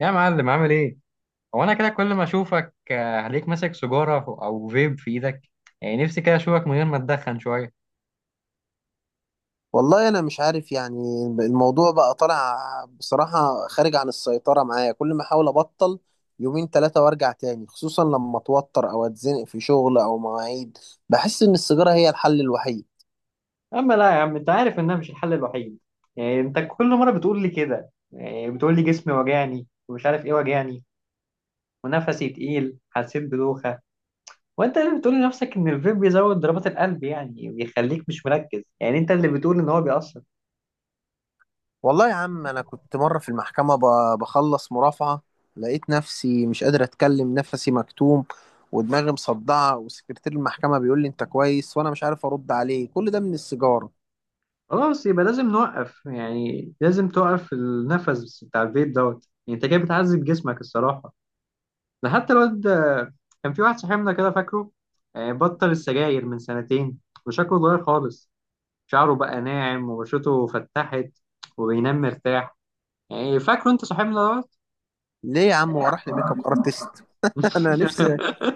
يا معلم، عامل ايه؟ هو انا كده كل ما اشوفك هلاقيك ماسك سيجارة او فيب في ايدك. يعني نفسي كده اشوفك من غير ما تدخن شوية. والله انا مش عارف، يعني الموضوع بقى طالع بصراحة خارج عن السيطرة معايا. كل ما احاول ابطل يومين 3 وارجع تاني، خصوصا لما اتوتر او اتزنق في شغل او مواعيد. بحس ان السيجارة هي الحل الوحيد. اما لا يا عم، انت عارف انها مش الحل الوحيد. يعني انت كل مره بتقول لي كده، يعني بتقول لي جسمي وجعني ومش عارف ايه وجعني، ونفسي تقيل، حسيت بدوخه. وانت اللي بتقول لنفسك ان الفيب بيزود ضربات القلب، يعني بيخليك مش مركز، يعني انت اللي بتقول ان هو بيأثر. والله يا عم، انا كنت مرة في المحكمة بخلص مرافعة، لقيت نفسي مش قادر اتكلم، نفسي مكتوم ودماغي مصدعة، وسكرتير المحكمة بيقول لي انت كويس وانا مش عارف ارد عليه. كل ده من السيجارة. خلاص، يبقى لازم نوقف، يعني لازم توقف النفس بتاع الفيب دوت. يعني انت كده بتعذب جسمك الصراحه. ده حتى الواد، كان في واحد صاحبنا كده فاكره، بطل السجاير من سنتين وشكله اتغير خالص. شعره بقى ناعم وبشرته فتحت وبينام مرتاح. يعني فاكره انت صاحبنا دوت. ليه يا عم؟ وراح لي ميك اب ارتست. انا نفسي.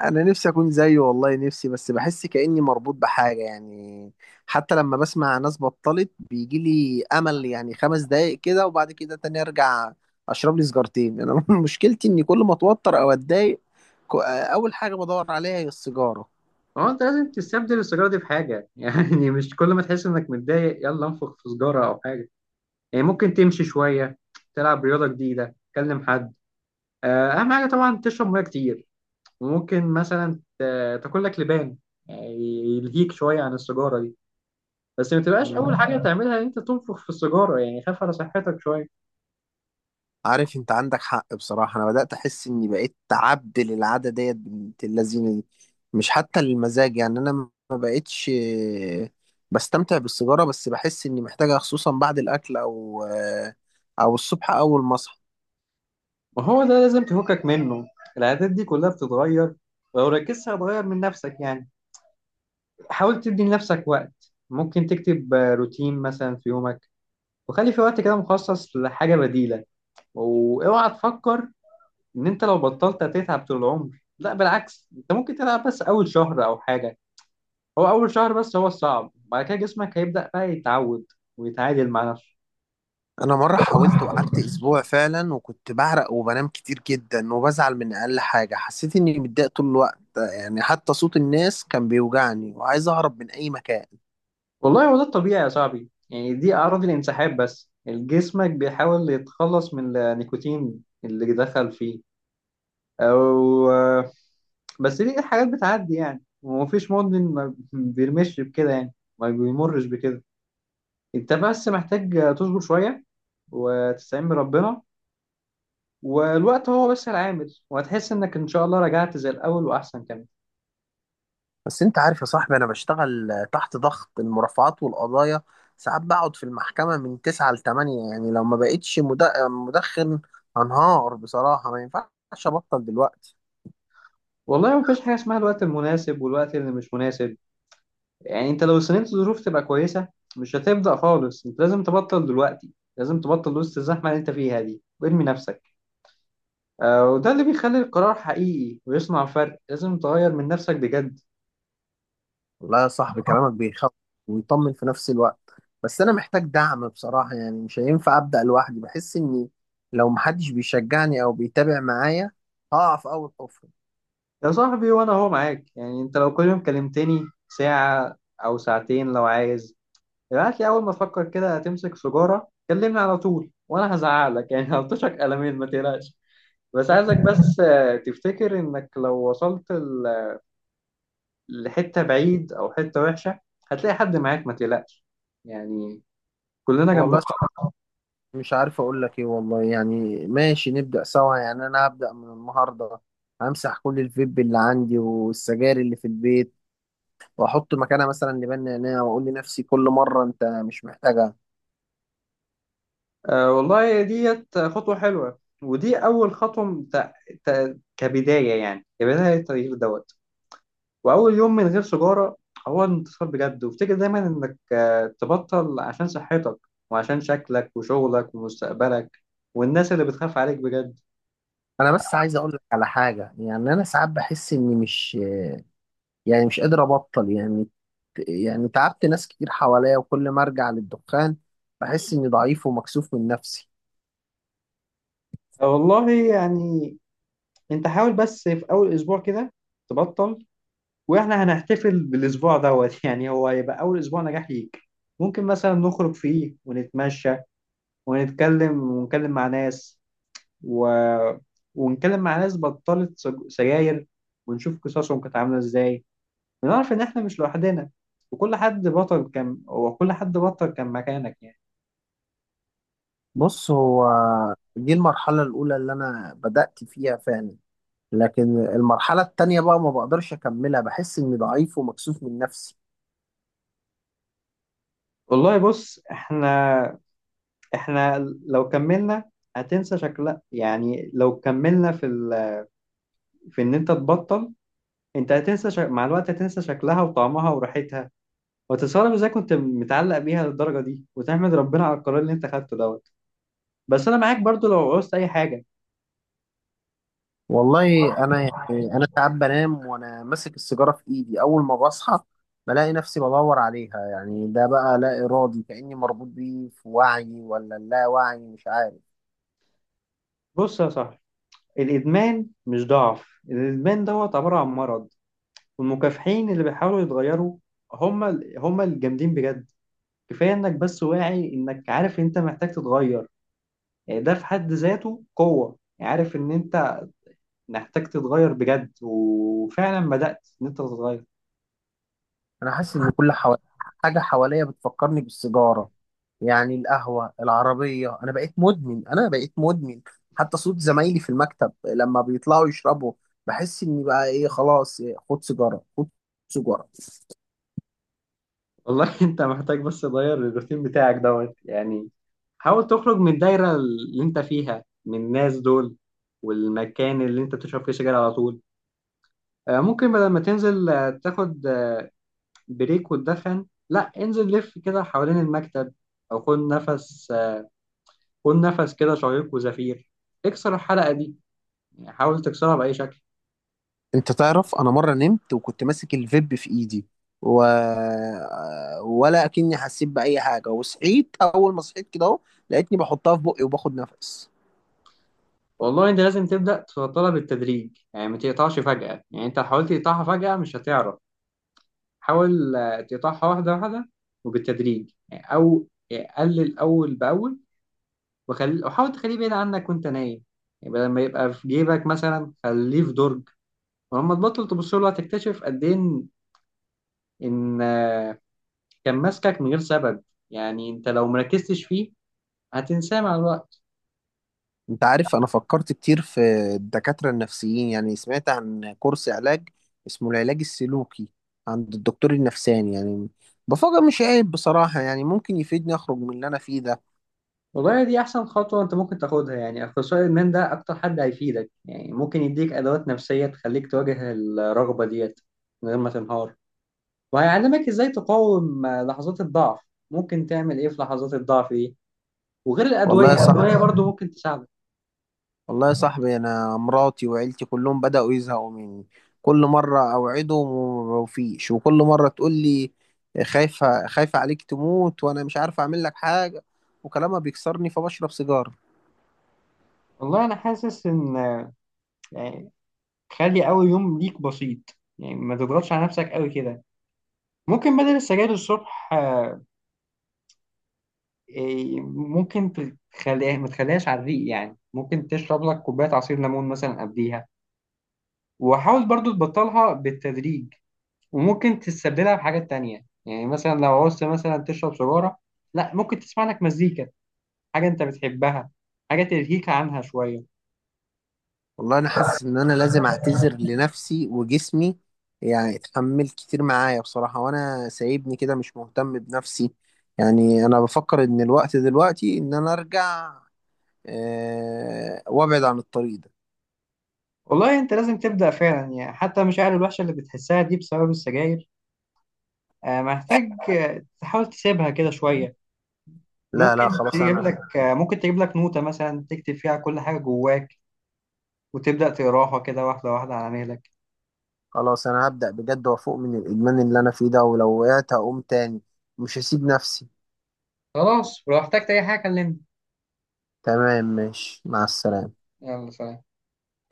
انا نفسي اكون زيه، والله نفسي. بس بحس كاني مربوط بحاجه يعني. حتى لما بسمع ناس بطلت بيجي لي امل، يعني 5 دقايق كده، وبعد كده تاني ارجع اشرب لي سيجارتين انا. مشكلتي اني كل ما اتوتر او اتضايق اول حاجه بدور عليها هي السيجاره. هو انت لازم تستبدل السيجاره دي بحاجه. يعني مش كل ما تحس انك متضايق يلا انفخ في سيجاره او حاجه. يعني ممكن تمشي شويه، تلعب رياضه جديده، تكلم حد. اهم حاجه طبعا تشرب ميه كتير. وممكن مثلا تاكل لك لبان، يعني يلهيك شويه عن السيجاره دي. بس ما تبقاش اول حاجه تعملها ان انت تنفخ في السيجاره. يعني خاف على صحتك شويه. عارف انت عندك حق، بصراحة انا بدأت احس اني بقيت عبد للعادة ديت، بنت اللذينة دي. مش حتى المزاج، يعني انا ما بقيتش بستمتع بالسيجارة، بس بحس اني محتاجها، خصوصا بعد الاكل او او الصبح اول ما اصحى. وهو ده لازم تفكك منه، العادات دي كلها بتتغير، ولو ركزت هتغير من نفسك. يعني حاول تدي لنفسك وقت. ممكن تكتب روتين مثلا في يومك، وخلي في وقت كده مخصص لحاجه بديله. واوعى تفكر ان انت لو بطلت هتتعب طول العمر. لا، بالعكس، انت ممكن تلعب بس اول شهر او حاجه. هو اول شهر بس هو الصعب. بعد كده جسمك هيبدأ بقى يتعود ويتعادل مع نفسه. انا مرة حاولت وقعدت اسبوع فعلا، وكنت بعرق وبنام كتير جدا، وبزعل من اقل حاجة، حسيت اني متضايق طول الوقت، يعني حتى صوت الناس كان بيوجعني وعايز اهرب من اي مكان. والله، هو ده الطبيعي يا صاحبي. يعني دي اعراض الانسحاب، بس جسمك بيحاول يتخلص من النيكوتين اللي دخل فيه. او بس دي حاجات بتعدي. يعني، ومفيش مدمن ما بيرمش بكده، يعني ما بيمرش بكده. انت بس محتاج تصبر شوية وتستعين بربنا. والوقت هو بس العامل، وهتحس انك ان شاء الله رجعت زي الاول واحسن كمان. بس انت عارف يا صاحبي، انا بشتغل تحت ضغط المرافعات والقضايا. ساعات بقعد في المحكمة من تسعة لتمانية، يعني لو ما بقتش مدخن هنهار بصراحة. ما ينفعش ابطل دلوقتي. والله مفيش حاجة اسمها الوقت المناسب والوقت اللي مش مناسب. يعني انت لو استنيت الظروف تبقى كويسة، مش هتبدأ خالص. انت لازم تبطل دلوقتي، لازم تبطل وسط الزحمة اللي انت فيها دي وارمي نفسك. وده اللي بيخلي القرار حقيقي ويصنع فرق. لازم تغير من نفسك بجد. والله يا صاحبي، كلامك بيخوف ويطمن في نفس الوقت. بس انا محتاج دعم بصراحة، يعني مش هينفع ابدأ لوحدي. بحس اني لو محدش بيشجعني او بيتابع معايا هقع في اول حفرة. يا صاحبي، وانا اهو معاك. يعني انت لو كل يوم كلمتني ساعة او ساعتين، لو عايز ابعت لي اول ما تفكر كده تمسك سيجارة، كلمني على طول. وانا هزعلك، يعني هلطشك قلمين، ما تقلقش. بس عايزك بس تفتكر انك لو وصلت لحتة بعيد او حتة وحشة، هتلاقي حد معاك، ما تقلقش. يعني كلنا جنب والله بعض. مش عارف اقول لك ايه والله. يعني ماشي، نبدأ سوا. يعني انا هبدأ من النهارده، همسح كل الفيب اللي عندي والسجاير اللي في البيت، واحط مكانها مثلا لبان نعناع، واقول لنفسي كل مرة انت مش محتاجها. آه والله، ديت خطوة حلوة. ودي اول خطوة كبداية، يعني كبداية التغيير دوت. واول يوم من غير سيجارة هو انتصار بجد. وافتكر دايما انك تبطل عشان صحتك وعشان شكلك وشغلك ومستقبلك والناس اللي بتخاف عليك بجد. انا بس عايز اقول لك على حاجة. يعني انا ساعات بحس اني مش قادر ابطل يعني. يعني تعبت ناس كتير حواليا، وكل ما ارجع للدخان بحس اني ضعيف ومكسوف من نفسي. آه، والله، يعني انت حاول بس في اول اسبوع كده تبطل. واحنا هنحتفل بالاسبوع دوت. يعني هو هيبقى اول اسبوع نجاح ليك. ممكن مثلا نخرج فيه ونتمشى ونتكلم، ونتكلم مع ناس، و... ونتكلم مع ناس بطلت سجاير، ونشوف قصصهم كانت عامله ازاي، ونعرف ان احنا مش لوحدنا. وكل حد بطل كان، وكل حد بطل كان مكانك يعني. بص هو، دي المرحلة الأولى اللي أنا بدأت فيها فعلا، لكن المرحلة التانية بقى ما بقدرش أكملها. بحس إني ضعيف ومكسوف من نفسي. والله، بص، احنا لو كملنا هتنسى شكلها. يعني لو كملنا في في ان انت تبطل، انت هتنسى مع الوقت هتنسى شكلها وطعمها وريحتها. وتستغرب ازاي كنت متعلق بيها للدرجه دي، وتحمد ربنا على القرار اللي انت خدته دوت. بس انا معاك برضو لو عوزت اي حاجه. والله أنا يعني، أنا ساعات بنام وأنا ماسك السيجارة في إيدي. أول ما بصحى بلاقي نفسي بدور عليها، يعني ده بقى لا إرادي، كأني مربوط بيه، في وعي ولا لا وعي مش عارف. بص يا صاحبي، الادمان مش ضعف، الادمان دوت عباره عن مرض. والمكافحين اللي بيحاولوا يتغيروا هم الجامدين بجد. كفايه انك بس واعي انك عارف انت محتاج تتغير. يعني ده في حد ذاته قوه. عارف ان انت محتاج تتغير بجد، وفعلا بدأت ان انت تتغير. أنا حاسس إن كل حوالي، حاجة حواليا بتفكرني بالسيجارة. يعني القهوة العربية، أنا بقيت مدمن، أنا بقيت مدمن. حتى صوت زمايلي في المكتب لما بيطلعوا يشربوا بحس إني بقى إيه، خلاص إيه، خد سيجارة، خد سيجارة. والله. انت محتاج بس تغير الروتين بتاعك دوت. يعني حاول تخرج من الدايرة اللي انت فيها، من الناس دول والمكان اللي انت بتشرب فيه سجاير على طول. ممكن بدل ما تنزل تاخد بريك وتدخن، لا، انزل لف كده حوالين المكتب. او خد نفس، خد نفس كده، شهيق وزفير. اكسر الحلقة دي، يعني حاول تكسرها بأي شكل. أنت تعرف، أنا مرة نمت وكنت ماسك الفيب في إيدي و... ولا أكني حسيت بأي حاجة. وصحيت، أول ما صحيت كده أهو لقيتني بحطها في بقي وباخد نفس. والله انت لازم تبدأ تفضلها بالتدريج. يعني ما تقطعش فجأة. يعني انت لو حاولت تقطعها فجأة مش هتعرف. حاول تقطعها واحدة واحدة وبالتدريج، يعني. او يعني قلل اول باول. وخلي، وحاول تخليه بعيد عنك وانت نايم. يعني بدل ما يبقى في جيبك مثلا خليه في درج. ولما تبطل تبص له هتكتشف قد ايه ان إن، آه، كان ماسكك من غير سبب. يعني انت لو مركزتش فيه هتنساه مع الوقت. انت عارف انا فكرت كتير في الدكاترة النفسيين. يعني سمعت عن كورس علاج اسمه العلاج السلوكي عند الدكتور النفساني. يعني بفكر مش عيب بصراحة، يعني ممكن يفيدني اخرج من اللي انا فيه ده. والله، دي أحسن خطوة أنت ممكن تاخدها. يعني أخصائي الإدمان ده أكتر حد هيفيدك. يعني ممكن يديك أدوات نفسية تخليك تواجه الرغبة ديت من غير ما تنهار. وهيعلمك إزاي تقاوم لحظات الضعف، ممكن تعمل إيه في لحظات الضعف دي. وغير والله الأدوية يا الأدوية صاحبي برضو ممكن تساعدك. والله يا صاحبي انا مراتي وعيلتي كلهم بدأوا يزهقوا مني. كل مرة اوعدهم ومفيش، وكل مرة تقول لي خايفة، خايفة عليك تموت وانا مش عارف اعمل لك حاجة، وكلامها بيكسرني فبشرب سيجارة. والله أنا حاسس إن، يعني خلي أول يوم ليك بسيط. يعني ما تضغطش على نفسك قوي كده. ممكن بدل السجاير الصبح، آه، إيه، ممكن تخليها، ما تخليهاش على الريق. يعني ممكن تشرب لك كوباية عصير ليمون مثلا قبليها. وحاول برضو تبطلها بالتدريج. وممكن تستبدلها بحاجات تانية. يعني مثلا لو عوزت مثلا تشرب سيجارة، لا، ممكن تسمع لك مزيكا، حاجة انت بتحبها، حاجة تلهيك عنها شوية. والله انا حاسس ان انا لازم اعتذر لنفسي وجسمي، يعني اتحمل كتير معايا بصراحة وانا سايبني كده مش مهتم بنفسي. يعني انا بفكر ان الوقت دلوقتي ان انا ارجع، أه وابعد عن الطريق ده. والله انت لازم تبدأ فعلا. يعني حتى المشاعر الوحشة اللي بتحسها دي بسبب السجاير. محتاج تحاول تسيبها كده شوية. لا، لا، خلاص انا ممكن تجيب لك نوتة مثلا تكتب فيها كل حاجة جواك، وتبدأ تقراها كده واحدة واحدة على مهلك. خلاص انا هبدأ بجد وافوق من الادمان اللي انا فيه ده، ولو وقعت هقوم تاني، مش هسيب نفسي. خلاص، ولو احتجت أي حاجة كلمني. تمام، ماشي، مع السلامة. يلا سلام.